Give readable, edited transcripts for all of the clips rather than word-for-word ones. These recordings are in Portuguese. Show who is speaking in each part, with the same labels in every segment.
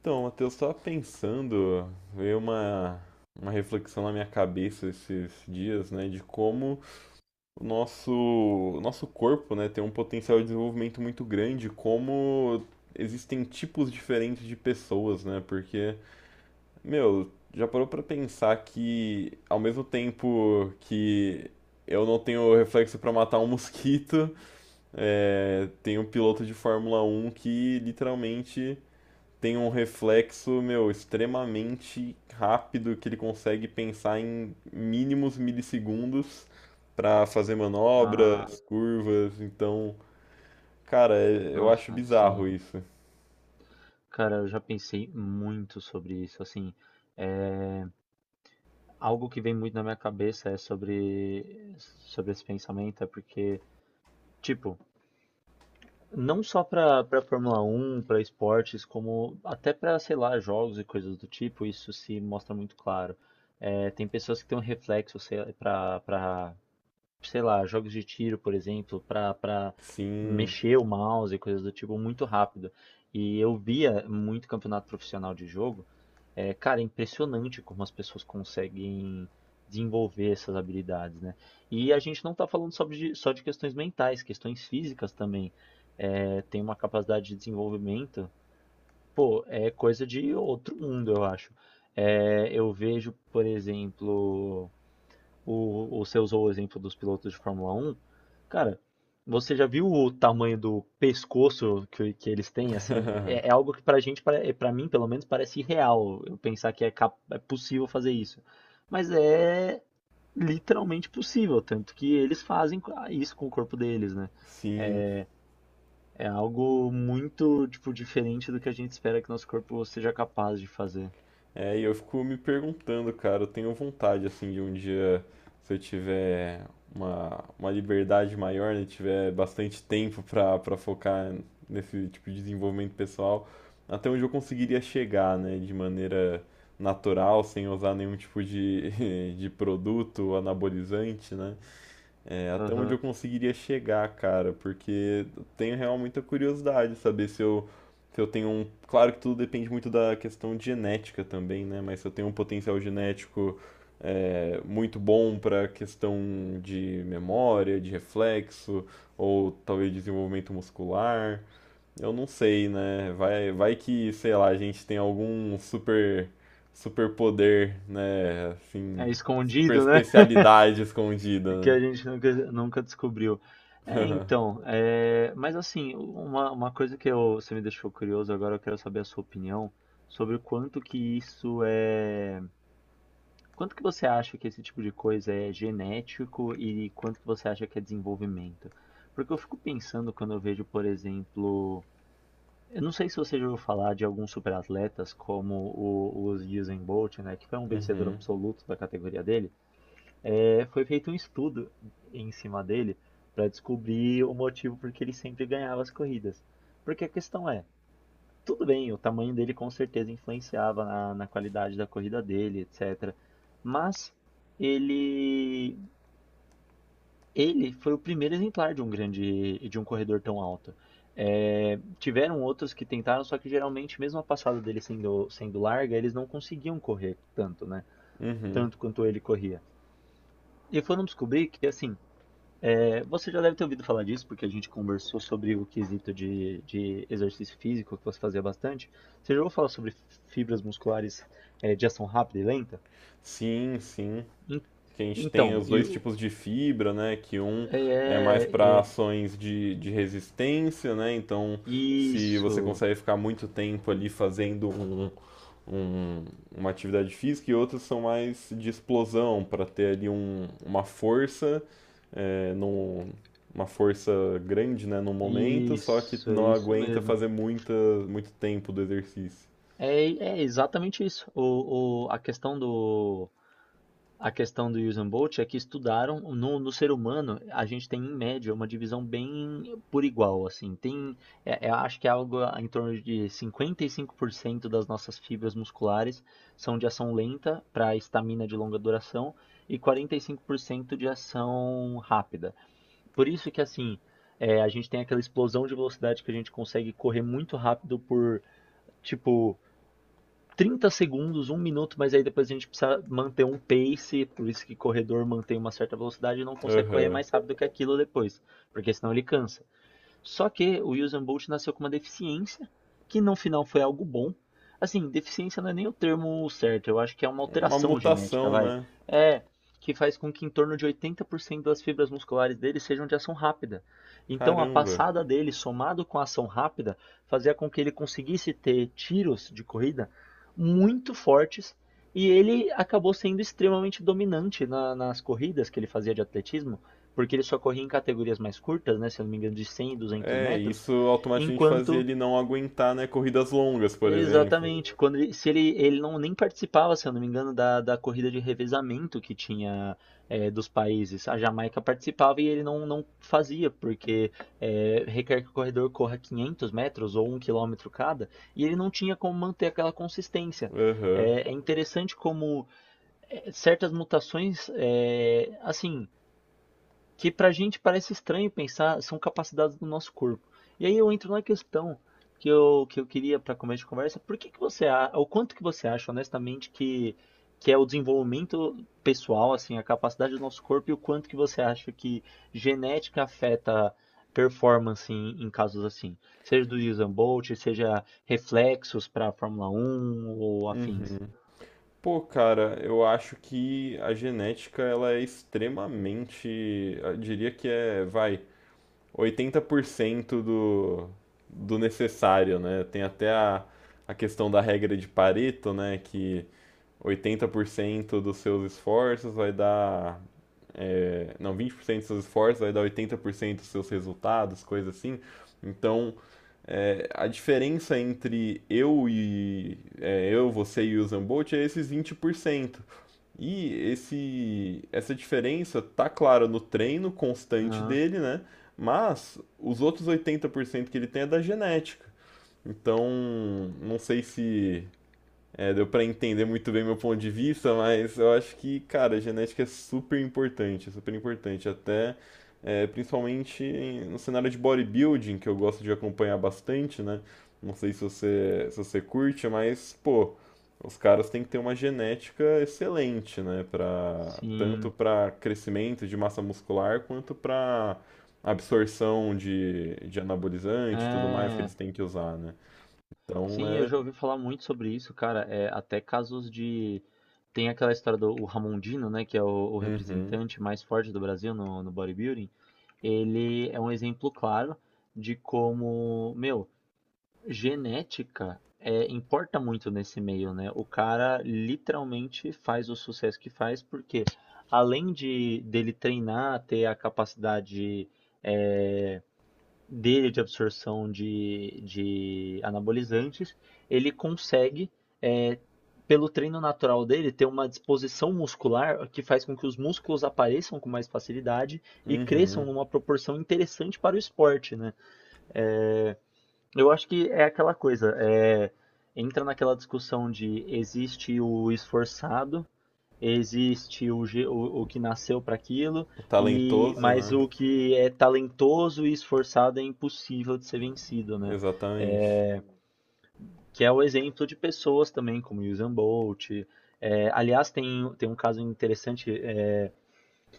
Speaker 1: Então, Matheus, estava pensando, veio uma, uma reflexão na minha cabeça esses dias, né, de como o nosso corpo, né, tem um potencial de desenvolvimento muito grande, como existem tipos diferentes de pessoas, né, porque, meu, já parou para pensar que ao mesmo tempo que eu não tenho reflexo para matar um mosquito, tem um piloto de Fórmula Um que literalmente tem um reflexo, meu, extremamente rápido que ele consegue pensar em mínimos milissegundos para fazer
Speaker 2: Ah,
Speaker 1: manobras, curvas. Então, cara, eu acho
Speaker 2: nossa, sim.
Speaker 1: bizarro isso.
Speaker 2: Cara, eu já pensei muito sobre isso. Assim, é... algo que vem muito na minha cabeça é sobre esse pensamento, é porque, tipo, não só pra Fórmula Um, pra esportes, como até pra, sei lá, jogos e coisas do tipo, isso se mostra muito claro. É, tem pessoas que têm um reflexo, sei lá, pra sei lá, jogos de tiro, por exemplo, pra
Speaker 1: Sim.
Speaker 2: mexer o mouse e coisas do tipo muito rápido. E eu via muito campeonato profissional de jogo. É, cara, é impressionante como as pessoas conseguem desenvolver essas habilidades, né? E a gente não está falando só de questões mentais, questões físicas também. É, tem uma capacidade de desenvolvimento, pô, é coisa de outro mundo, eu acho. É, eu vejo, por exemplo, você usou o exemplo dos pilotos de Fórmula 1. Cara, você já viu o tamanho do pescoço que eles têm? Assim, é, é algo que pra gente, pra mim pelo menos, parece irreal. Eu pensar que é possível fazer isso. Mas é literalmente possível, tanto que eles fazem isso com o corpo deles, né?
Speaker 1: Sim.
Speaker 2: É, é algo muito, tipo, diferente do que a gente espera que nosso corpo seja capaz de fazer.
Speaker 1: É, e eu fico me perguntando, cara, eu tenho vontade, assim, de um dia, se eu tiver uma liberdade maior, né, tiver bastante tempo pra focar nesse tipo de desenvolvimento pessoal, até onde eu conseguiria chegar, né, de maneira natural, sem usar nenhum tipo de, de produto anabolizante, né? É, até onde eu
Speaker 2: Aham.
Speaker 1: conseguiria chegar, cara, porque eu tenho real muita curiosidade saber se eu tenho um. Claro que tudo depende muito da questão de genética também, né? Mas se eu tenho um potencial genético muito bom para questão de memória, de reflexo, ou talvez desenvolvimento muscular, eu não sei, né? Vai que, sei lá, a gente tem algum super, super poder, né? Assim,
Speaker 2: É
Speaker 1: super
Speaker 2: escondido, né?
Speaker 1: especialidade escondida,
Speaker 2: Que
Speaker 1: né?
Speaker 2: a gente nunca, nunca descobriu. É, então, mas assim, uma coisa você me deixou curioso agora, eu quero saber a sua opinião sobre o quanto que quanto que você acha que esse tipo de coisa é genético e quanto que você acha que é desenvolvimento? Porque eu fico pensando quando eu vejo, por exemplo, eu não sei se você já ouviu falar de alguns superatletas como o Usain Bolt, né, que foi um vencedor
Speaker 1: Uhum,
Speaker 2: absoluto da categoria dele. É, foi feito um estudo em cima dele para descobrir o motivo por que ele sempre ganhava as corridas. Porque a questão é, tudo bem, o tamanho dele com certeza influenciava na qualidade da corrida dele, etc. Mas ele, ele foi o primeiro exemplar de de um corredor tão alto. É, tiveram outros que tentaram, só que geralmente, mesmo a passada dele sendo larga, eles não conseguiam correr tanto, né?
Speaker 1: uhum.
Speaker 2: Tanto quanto ele corria. E foram descobrir que, assim, É, Você já deve ter ouvido falar disso, porque a gente conversou sobre o quesito de exercício físico que você fazia bastante. Você já ouviu falar sobre fibras musculares de ação rápida e lenta?
Speaker 1: Sim, sim. Que a gente tem
Speaker 2: Então,
Speaker 1: os dois tipos de fibra, né? Que um é
Speaker 2: é,
Speaker 1: mais para
Speaker 2: é, é-
Speaker 1: ações de resistência, né? Então, se você
Speaker 2: isso,
Speaker 1: consegue ficar muito tempo ali fazendo um- uma atividade física, e outros são mais de explosão, para ter ali uma força, é, num- uma força grande, né? No momento, só que
Speaker 2: isso, é
Speaker 1: não
Speaker 2: isso
Speaker 1: aguenta
Speaker 2: mesmo.
Speaker 1: fazer muito tempo do exercício.
Speaker 2: É, é, exatamente isso. A questão do Usain Bolt é que estudaram no ser humano. A gente tem em média uma divisão bem por igual, assim, tem, acho que é algo em torno de 55% das nossas fibras musculares são de ação lenta para estamina de longa duração, e 45% de ação rápida. Por isso que, assim, a gente tem aquela explosão de velocidade, que a gente consegue correr muito rápido por tipo 30 segundos, um minuto, mas aí depois a gente precisa manter um pace, por isso que corredor mantém uma certa velocidade e não consegue correr
Speaker 1: Aham.
Speaker 2: mais rápido que aquilo depois, porque senão ele cansa. Só que o Usain Bolt nasceu com uma deficiência, que no final foi algo bom. Assim, deficiência não é nem o termo certo, eu acho que é uma
Speaker 1: Uma
Speaker 2: alteração genética,
Speaker 1: mutação,
Speaker 2: vai.
Speaker 1: né?
Speaker 2: É, que faz com que em torno de 80% das fibras musculares dele sejam de ação rápida. Então, a
Speaker 1: Caramba.
Speaker 2: passada dele, somado com a ação rápida, fazia com que ele conseguisse ter tiros de corrida muito fortes, e ele acabou sendo extremamente dominante nas corridas que ele fazia de atletismo, porque ele só corria em categorias mais curtas, né, se eu não me engano, de 100 e 200
Speaker 1: É,
Speaker 2: metros.
Speaker 1: isso automaticamente fazia
Speaker 2: Enquanto
Speaker 1: ele não aguentar, né, corridas longas, por exemplo.
Speaker 2: Exatamente, quando ele não nem participava, se eu não me engano, da corrida de revezamento que tinha, dos países. A Jamaica participava, e ele não, não fazia, porque requer que o corredor corra 500 metros ou um quilômetro cada, e ele não tinha como manter aquela consistência.
Speaker 1: Aham.
Speaker 2: É interessante como certas mutações, assim, que para a gente parece estranho pensar, são capacidades do nosso corpo. E aí eu entro na questão que eu queria para começo de conversa, por que que o quanto que você acha, honestamente, que é o desenvolvimento pessoal, assim, a capacidade do nosso corpo, e o quanto que você acha que genética afeta performance em casos assim, seja do Usain Bolt, seja reflexos para Fórmula Um ou afins.
Speaker 1: Uhum. Pô, cara, eu acho que a genética ela é extremamente, eu diria que vai, 80% do, do necessário, né? Tem até a questão da regra de Pareto, né, que 80% dos seus esforços vai dar não, 20% dos seus esforços vai dar 80% dos seus resultados, coisa assim. Então, a diferença entre eu, você e o Usain Bolt é esses 20%. E essa diferença tá clara no treino constante
Speaker 2: Ah,
Speaker 1: dele, né? Mas os outros 80% que ele tem é da genética. Então, não sei se deu pra entender muito bem meu ponto de vista, mas eu acho que, cara, a genética é super importante, é super importante. Até, é, principalmente no cenário de bodybuilding, que eu gosto de acompanhar bastante, né? Não sei se você curte, mas, pô, os caras têm que ter uma genética excelente, né? Pra, tanto
Speaker 2: sim.
Speaker 1: para crescimento de massa muscular quanto para absorção de anabolizante e tudo mais que
Speaker 2: É.
Speaker 1: eles têm que usar, né? Então
Speaker 2: Sim, eu
Speaker 1: é.
Speaker 2: já ouvi falar muito sobre isso, cara. É, até casos de. Tem aquela história do o Ramondino, né? Que é o
Speaker 1: Uhum,
Speaker 2: representante mais forte do Brasil no bodybuilding. Ele é um exemplo claro de como, meu, genética importa muito nesse meio, né? O cara literalmente faz o sucesso que faz, porque além de dele treinar, ter a capacidade, é, dele de absorção de anabolizantes, ele consegue, é, pelo treino natural dele, ter uma disposição muscular que faz com que os músculos apareçam com mais facilidade e cresçam
Speaker 1: uhum.
Speaker 2: numa proporção interessante para o esporte, né? É, eu acho que é aquela coisa, entra naquela discussão de existe o esforçado, existe o que nasceu para aquilo, e
Speaker 1: Talentoso,
Speaker 2: mas
Speaker 1: né?
Speaker 2: o que é talentoso e esforçado é impossível de ser vencido, né?
Speaker 1: Exatamente.
Speaker 2: É, que é o exemplo de pessoas também como Usain Bolt. É, aliás, tem um caso interessante,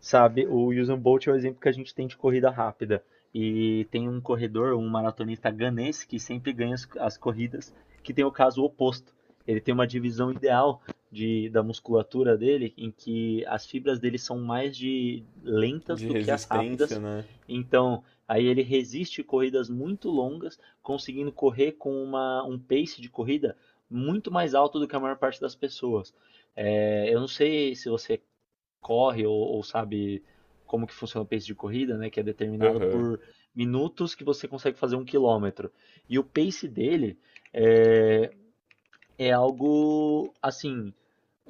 Speaker 2: sabe? O Usain Bolt é o exemplo que a gente tem de corrida rápida. E tem um corredor, um maratonista ganense que sempre ganha as corridas, que tem o caso oposto. Ele tem uma divisão ideal da musculatura dele, em que as fibras dele são mais de lentas
Speaker 1: De
Speaker 2: do que as
Speaker 1: resistência,
Speaker 2: rápidas.
Speaker 1: né?
Speaker 2: Então, aí ele resiste corridas muito longas, conseguindo correr com um pace de corrida muito mais alto do que a maior parte das pessoas. É, eu não sei se você corre ou sabe como que funciona o pace de corrida, né? Que é determinado
Speaker 1: Aham.
Speaker 2: por minutos que você consegue fazer um quilômetro. E o pace dele é, é algo assim,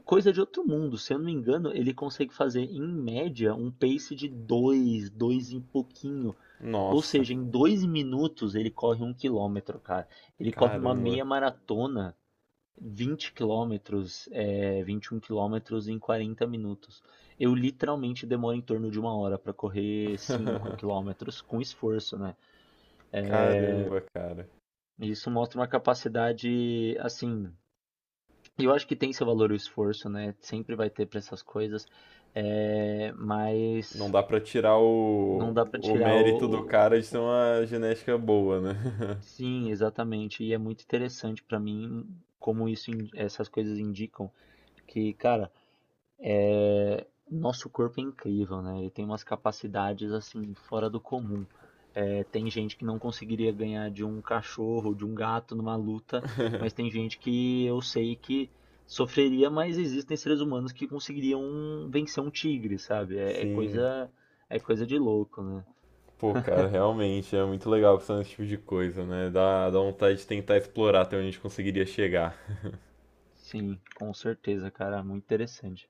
Speaker 2: coisa de outro mundo. Se eu não me engano, ele consegue fazer em média um pace de dois, dois e pouquinho. Ou
Speaker 1: Nossa.
Speaker 2: seja, em 2 minutos ele corre um quilômetro, cara. Ele corre uma
Speaker 1: Caramba.
Speaker 2: meia maratona 20 quilômetros, 21 quilômetros em 40 minutos. Eu literalmente demoro em torno de uma hora para correr 5 quilômetros com esforço, né?
Speaker 1: Caramba, cara.
Speaker 2: E isso mostra uma capacidade, assim, eu acho que tem seu valor o esforço, né? Sempre vai ter para essas coisas,
Speaker 1: Não
Speaker 2: mas
Speaker 1: dá pra tirar
Speaker 2: não dá para
Speaker 1: o
Speaker 2: tirar
Speaker 1: mérito do
Speaker 2: o. o-
Speaker 1: cara de ter uma genética boa, né?
Speaker 2: Sim, exatamente. E é muito interessante para mim como essas coisas indicam que, cara, nosso corpo é incrível, né? Ele tem umas capacidades assim fora do comum. É, tem gente que não conseguiria ganhar de um cachorro, de um gato numa luta, mas tem gente que eu sei que sofreria, mas existem seres humanos que conseguiriam vencer um tigre, sabe? É, é
Speaker 1: Sim.
Speaker 2: coisa, é coisa de louco, né?
Speaker 1: Pô, cara, realmente é muito legal pensar nesse tipo de coisa, né? Dá vontade de tentar explorar até onde a gente conseguiria chegar.
Speaker 2: Sim, com certeza, cara, muito interessante.